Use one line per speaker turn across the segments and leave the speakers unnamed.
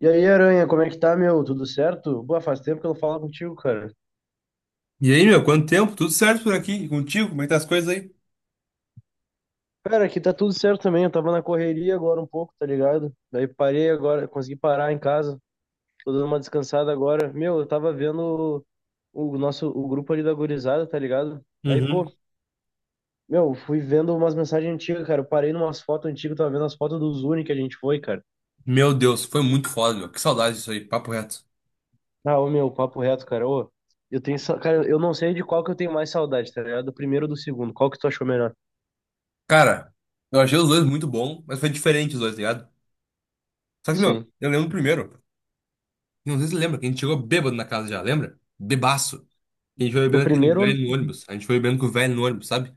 E aí, Aranha, como é que tá, meu? Tudo certo? Boa, faz tempo que eu não falo contigo, cara.
E aí, meu, quanto tempo? Tudo certo por aqui? E contigo? Como é que tá as coisas aí?
Cara, aqui tá tudo certo também. Eu tava na correria agora um pouco, tá ligado? Daí parei agora, consegui parar em casa. Tô dando uma descansada agora. Meu, eu tava vendo o grupo ali da gurizada, tá ligado? Aí,
Uhum.
pô, meu, fui vendo umas mensagens antigas, cara. Eu parei numas fotos antigas, tava vendo as fotos do Zuni que a gente foi, cara.
Meu Deus, foi muito foda, meu. Que saudade disso aí, papo reto.
Ah, ô, meu, papo reto, cara. Ô, eu tenho, cara, eu não sei de qual que eu tenho mais saudade, tá ligado? Do primeiro ou do segundo? Qual que tu achou melhor?
Cara, eu achei os dois muito bom, mas foi diferente os dois, tá ligado? Só que, meu,
Sim.
eu lembro do primeiro. Não sei se você lembra, que a gente chegou bêbado na casa já, lembra? Bebaço. Que a gente foi
Do
bebendo aquele
primeiro
velho no ônibus. A gente foi bebendo com o velho no ônibus, sabe?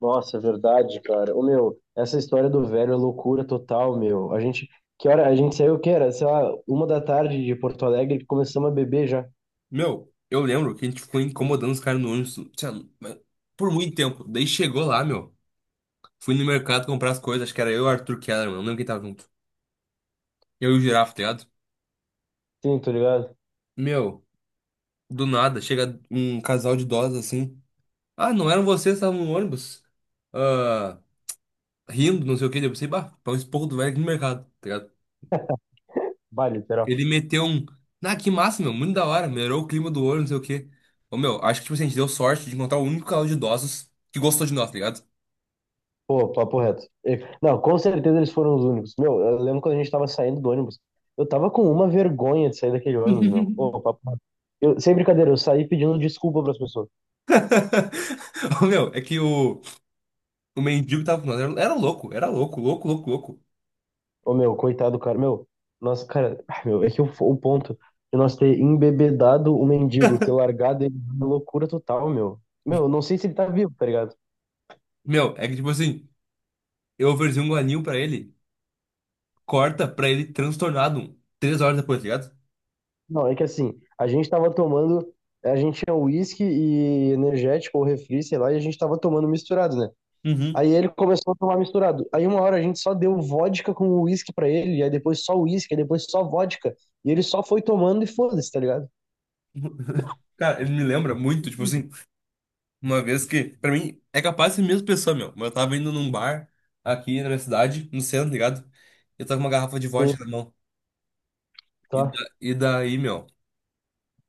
Nossa, é verdade, cara. Ô, meu, essa história do velho é loucura total, meu. A gente, que hora? A gente saiu, que era? Sei lá, 1 da tarde de Porto Alegre, começamos a beber já.
Meu, eu lembro que a gente ficou incomodando os caras no ônibus, sei lá, mas por muito tempo. Daí chegou lá, meu. Fui no mercado comprar as coisas, acho que era eu e o Arthur Kellerman, não lembro quem tava junto. Eu e o Girafa, tá ligado?
Sim, tô ligado?
Meu. Do nada, chega um casal de idosos assim. Ah, não eram vocês, estavam no ônibus. Ah, rindo, não sei o que. Eu pensei, bah, pra um esporro do velho aqui no mercado, tá ligado?
Vale, literal.
Ele meteu um. Ah, que massa, meu, muito da hora. Melhorou o clima do ônibus, não sei o que. Ô, meu, acho que tipo, assim, a gente deu sorte de encontrar o único casal de idosos que gostou de nós, tá ligado?
Pô, papo reto. Não, com certeza eles foram os únicos. Meu, eu lembro quando a gente tava saindo do ônibus. Eu tava com uma vergonha de sair daquele ônibus, meu. Pô, papo reto. Eu, sem brincadeira, eu saí pedindo desculpa pras pessoas.
Ô, meu, é que o mendigo que tava com nós. Era, era louco, louco, louco, louco.
Ô, meu, coitado, cara. Meu, nossa, cara, ah, meu, é que o ponto de nós ter embebedado o mendigo e ter largado ele na loucura total, meu. Meu, eu não sei se ele tá vivo, tá ligado?
Meu, é que tipo assim, eu ofereci um guaninho pra ele, corta pra ele transtornado um, três horas depois, tá ligado?
Não, é que assim, a gente tava tomando, a gente tinha uísque e energético ou refri, sei lá, e a gente tava tomando misturado, né? Aí ele começou a tomar misturado. Aí uma hora a gente só deu vodka com uísque pra ele, aí depois só uísque, aí depois só vodka. E ele só foi tomando e foda-se, tá ligado?
Cara, ele me lembra muito, tipo assim, uma vez que, pra mim, é capaz de ser a mesma pessoa, meu. Mas eu tava indo num bar aqui na minha cidade, no centro, tá ligado? Eu tava com uma garrafa de
Sim,
vodka na mão. E,
tá,
da- e daí, meu,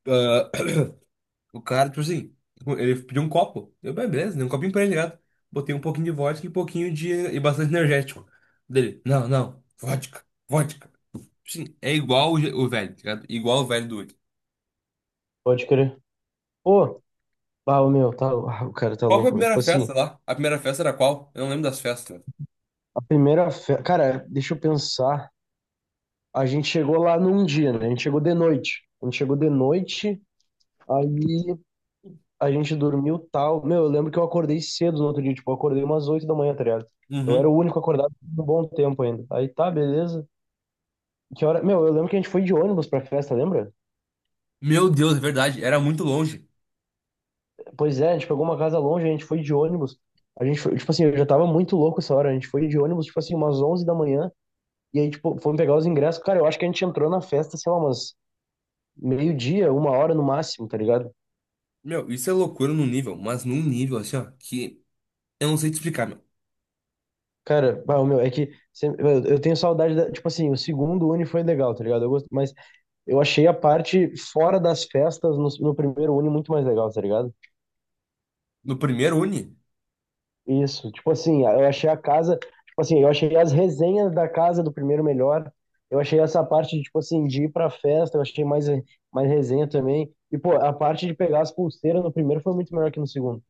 ah, o cara, tipo assim, ele pediu um copo. Eu, "Bem, beleza, dei um copinho pra ele, tá ligado? Botei um pouquinho de vodka e um pouquinho de. E bastante energético. Dele, não, não, vodka, vodka. Sim, é igual o, je- o velho, tá ligado? Igual o velho do Wiki.
pode crer. Pô, ah, o meu, tá, ah, o cara tá
Qual foi a
louco, meu. Tipo
primeira
assim,
festa lá? A primeira festa era qual? Eu não lembro das festas.
a primeira festa. Cara, deixa eu pensar. A gente chegou lá num dia, né? A gente chegou de noite. A gente chegou de noite, aí a gente dormiu tal. Meu, eu lembro que eu acordei cedo no outro dia, tipo, eu acordei umas 8 da manhã, tá ligado? Eu era o
Uhum.
único acordado por um bom tempo ainda. Aí tá, beleza. Que hora? Meu, eu lembro que a gente foi de ônibus pra festa, lembra?
Meu Deus, é verdade, era muito longe.
Pois é, a gente pegou uma casa longe, a gente foi de ônibus. A gente foi, tipo assim, eu já tava muito louco essa hora. A gente foi de ônibus, tipo assim, umas 11 da manhã. E aí, tipo, fomos pegar os ingressos. Cara, eu acho que a gente entrou na festa, sei lá, umas meio-dia, 1 hora no máximo, tá ligado?
Meu, isso é loucura num nível, mas num nível assim, ó, que eu não sei te explicar, meu.
Cara, bah, o meu, é que eu tenho saudade da, tipo assim, o segundo Uni foi legal, tá ligado? Eu gosto, mas eu achei a parte fora das festas no, primeiro Uni muito mais legal, tá ligado?
No primeiro uni?
Isso, tipo assim, eu achei a casa, tipo assim, eu achei as resenhas da casa do primeiro melhor. Eu achei essa parte de, tipo assim, de ir pra festa, eu achei mais, resenha também. E, pô, a parte de pegar as pulseiras no primeiro foi muito melhor que no segundo.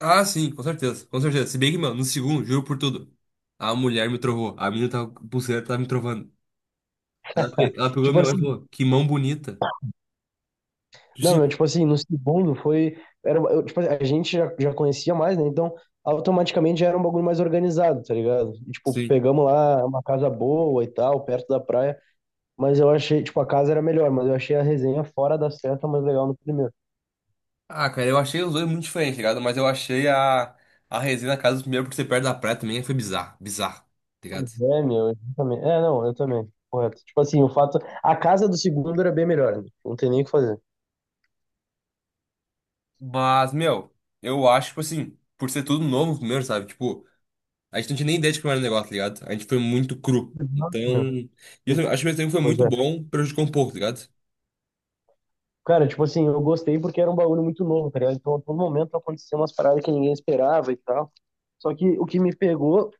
Ah, sim, com certeza, com certeza. Se bem que, meu, no segundo, juro por tudo, a mulher me trovou, a menina tava, com pulseira tava me trovando. Ela, pe- ela pegou
Tipo
minha mão e
assim,
falou, que mão bonita.
não, meu,
Sim,
tipo assim, no segundo foi. Era, eu, tipo, a gente já, conhecia mais, né? Então, automaticamente já era um bagulho mais organizado, tá ligado? E, tipo,
sim.
pegamos lá uma casa boa e tal, perto da praia. Mas eu achei, tipo, a casa era melhor, mas eu achei a resenha fora da certa mais legal no primeiro.
Ah, cara, eu achei os dois muito diferentes, tá ligado? Mas eu achei a resenha na casa do primeiro por ser perto da praia também foi bizarro, bizarro, tá
Pois
ligado?
é, meu, eu também. É, não, eu também. Correto. Tipo assim, o fato. A casa do segundo era bem melhor, né? Não tem nem o que fazer.
Mas, meu, eu acho, tipo assim, por ser tudo novo primeiro, sabe? Tipo. A gente não tinha nem ideia de como era o negócio, tá ligado? A gente foi muito cru.
Exato,
Então,
meu.
isso, acho que mesmo tempo foi
Pois
muito
é.
bom, prejudicou um pouco, tá ligado?
Cara, tipo assim, eu gostei porque era um bagulho muito novo, tá ligado? Então, a todo momento acontecia umas paradas que ninguém esperava e tal. Só que o que me pegou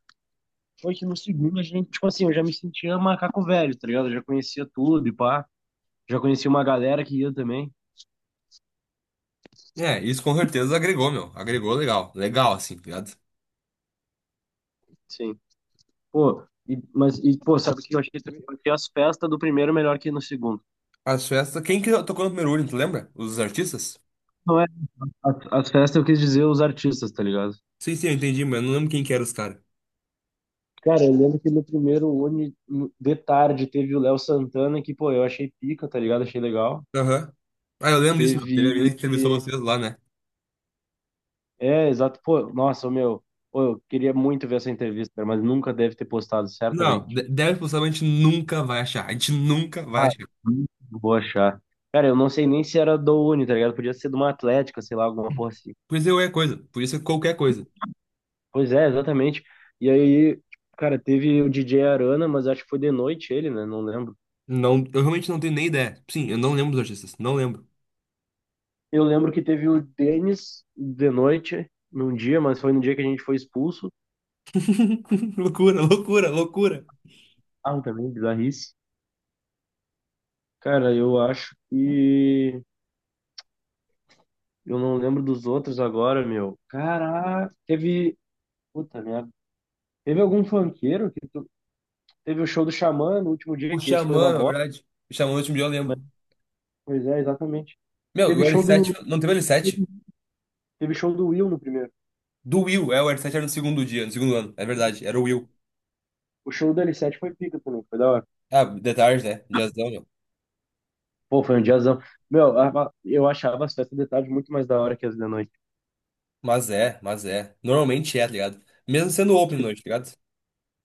foi que no segundo a gente, tipo assim, eu já me sentia macaco velho, tá ligado? Eu já conhecia tudo e pá. Já conhecia uma galera que ia também.
É, isso com certeza agregou, meu. Agregou legal. Legal, assim, tá ligado?
Sim. Pô, e, mas, e, pô, sabe o que eu achei também? Eu achei as festas do primeiro melhor que no segundo.
As festas. Quem que tocou no primeiro Urno, tu lembra? Os artistas?
Não é? As festas eu quis dizer os artistas, tá ligado?
Sim, sim, eu entendi, mas eu não lembro quem que eram os caras.
Cara, eu lembro que no primeiro Uni, de tarde, teve o Léo Santana, que, pô, eu achei pica, tá ligado? Achei legal.
Aham. Ah, eu lembro disso, meu. Teve
Teve.
alguém que entrevistou vocês lá, né?
É, exato. Pô, nossa, meu. Pô, eu queria muito ver essa entrevista, cara, mas nunca deve ter postado,
Não,
certamente.
de- 10% a gente nunca vai achar. A gente nunca vai
Ah,
achar.
hum, vou achar. Cara, eu não sei nem se era do Uni, tá ligado? Podia ser de uma Atlética, sei lá, alguma porra assim.
Podia ser qualquer coisa. Podia ser qualquer coisa.
Pois é, exatamente. E aí, cara, teve o DJ Arana, mas acho que foi de noite ele, né? Não lembro.
Não, eu realmente não tenho nem ideia. Sim, eu não lembro dos artistas. Não lembro.
Eu lembro que teve o Denis de noite, num dia, mas foi no dia que a gente foi expulso.
Loucura, loucura, loucura.
Ah, também, bizarrice. Cara, eu acho que. Eu não lembro dos outros agora, meu. Caraca, teve. Puta merda. Teve algum funkeiro que teve o show do Xamã no último
O
dia, que esse foi uma
Xamã, na
bosta,
verdade. O Xamã no último dia eu
né?
lembro.
Pois é, exatamente.
Meu,
Teve
o
show
L7,
do.
não teve L7?
Teve show do Will no primeiro.
Do Will, é, o L7 era no segundo dia, no segundo ano, é verdade, era o Will.
O show do L7 foi pica também, foi da hora.
Ah, de. Né? Diazão, meu.
Pô, foi um diazão. Meu, eu achava as festas de tarde muito mais da hora que as de noite.
Mas é, mas é. Normalmente é, tá ligado? Mesmo sendo open noite, tá ligado?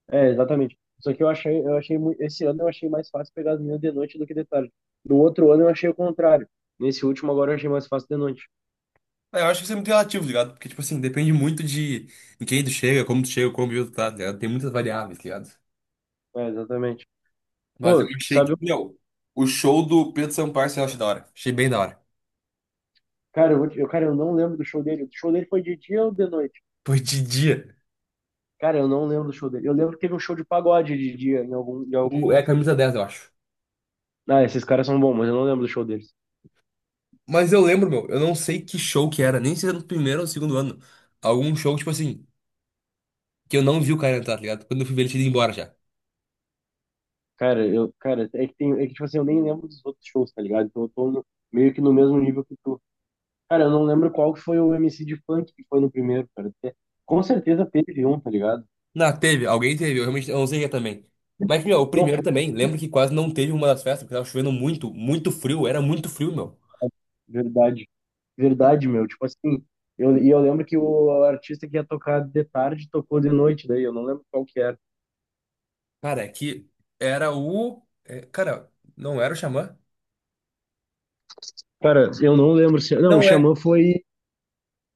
É, exatamente. Só que eu achei, esse ano eu achei mais fácil pegar as minhas de noite do que de tarde. No outro ano eu achei o contrário. Nesse último agora eu achei mais fácil de noite.
É, eu acho que isso é muito relativo, tá ligado? Porque, tipo assim, depende muito de em quem tu chega, como tu chega, como tu tá, tá ligado? Tem muitas variáveis, tá ligado?
É, exatamente.
Mas eu
Pô,
achei que, meu, o show do Pedro Sampaio eu achei da hora. Achei bem da hora.
Cara, eu, cara, eu não lembro do show dele. O show dele foi de dia ou de noite?
Foi de dia.
Cara, eu não lembro do show dele. Eu lembro que teve um show de pagode de dia, em algum
O- É
dos
a
dias.
camisa 10 eu acho.
Ah, esses caras são bons, mas eu não lembro do show deles.
Mas eu lembro, meu, eu não sei que show que era, nem se era no primeiro ou no segundo ano. Algum show, tipo assim, que eu não vi o cara entrar, tá ligado? Quando eu fui ver ele tinha ido embora já.
Cara, eu, cara, é que tem, é que, tipo assim, eu nem lembro dos outros shows, tá ligado? Então eu tô meio que no mesmo nível que tu. Cara, eu não lembro qual que foi o MC de funk que foi no primeiro, cara. Com certeza teve um, tá ligado?
Não, teve, alguém teve, eu realmente eu não sei quem é também. Mas, meu, o
Não
primeiro
foi,
também, lembro que quase não teve uma das festas, porque tava chovendo muito, muito frio, era muito frio, meu.
verdade. Verdade, meu. Tipo assim, e eu lembro que o artista que ia tocar de tarde tocou de noite, daí eu não lembro qual que era.
Cara, é que era o. É, cara, não era o Xamã?
Cara, eu não lembro se. Não, o
Não é.
Xamã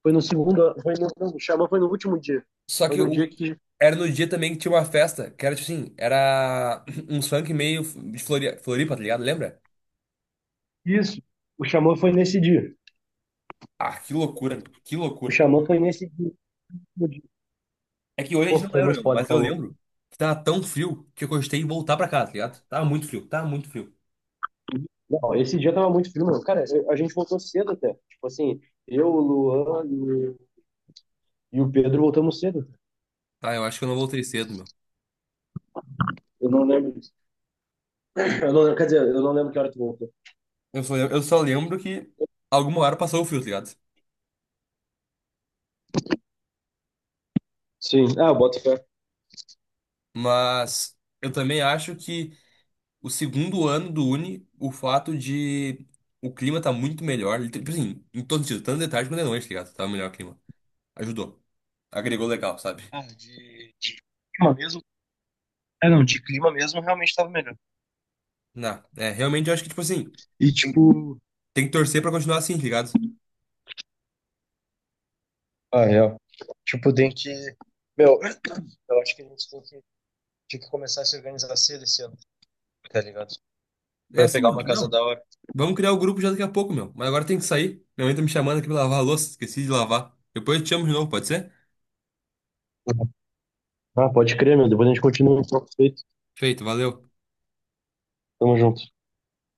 foi no segundo. Foi no, não, o Xamã foi no último dia.
Só
Foi
que
no
o.
dia que.
Era no dia também que tinha uma festa, que era tipo assim, era um funk meio de Flori- Floripa, tá ligado? Lembra?
Isso. O Xamã foi nesse dia.
Ah, que loucura, que
O
loucura.
Xamã foi nesse dia. No dia.
É que hoje a
Pô,
gente não
foi
lembra,
muito
meu,
foda,
mas
tá
eu
louco.
lembro que tava tão frio que eu gostei de voltar pra casa, tá ligado? Tava muito frio, tava muito frio.
Não, esse dia tava muito frio, mano. Cara, a gente voltou cedo até. Tipo assim, eu, o Luan e o Pedro voltamos cedo.
Ah, eu acho que eu não voltei cedo, meu.
Eu não lembro. Eu não lembro, quer dizer, eu não lembro que hora tu voltou.
Eu só lembro que alguma hora passou o frio, tá ligado?
Sim. Ah, eu boto fé.
Mas eu também acho que o segundo ano do Uni, o fato de o clima tá muito melhor, liter- tipo assim, em todo sentido, tanto de tarde quanto de noite, tá ligado? Tá melhor o clima. Ajudou. Agregou legal, sabe?
Clima mesmo. É, não, de clima mesmo realmente tava melhor.
Não, é, realmente eu acho que, tipo assim,
E
tem
tipo.
tem que torcer pra continuar assim, tá ligado?
Ah, real. Tipo, tem que. Meu, eu acho que a gente tem que, tinha que começar a se organizar cedo esse ano, tá ligado?
É
Pra
assim,
pegar
meu.
uma casa
Não,
da hora.
vamos criar o grupo já daqui a pouco, meu. Mas agora tem que sair. Minha mãe tá me chamando aqui pra lavar a louça. Esqueci de lavar. Depois eu te chamo de novo, pode ser?
Ah, pode crer, meu. Depois a gente continua o papo feito.
Feito, valeu.
Tamo junto.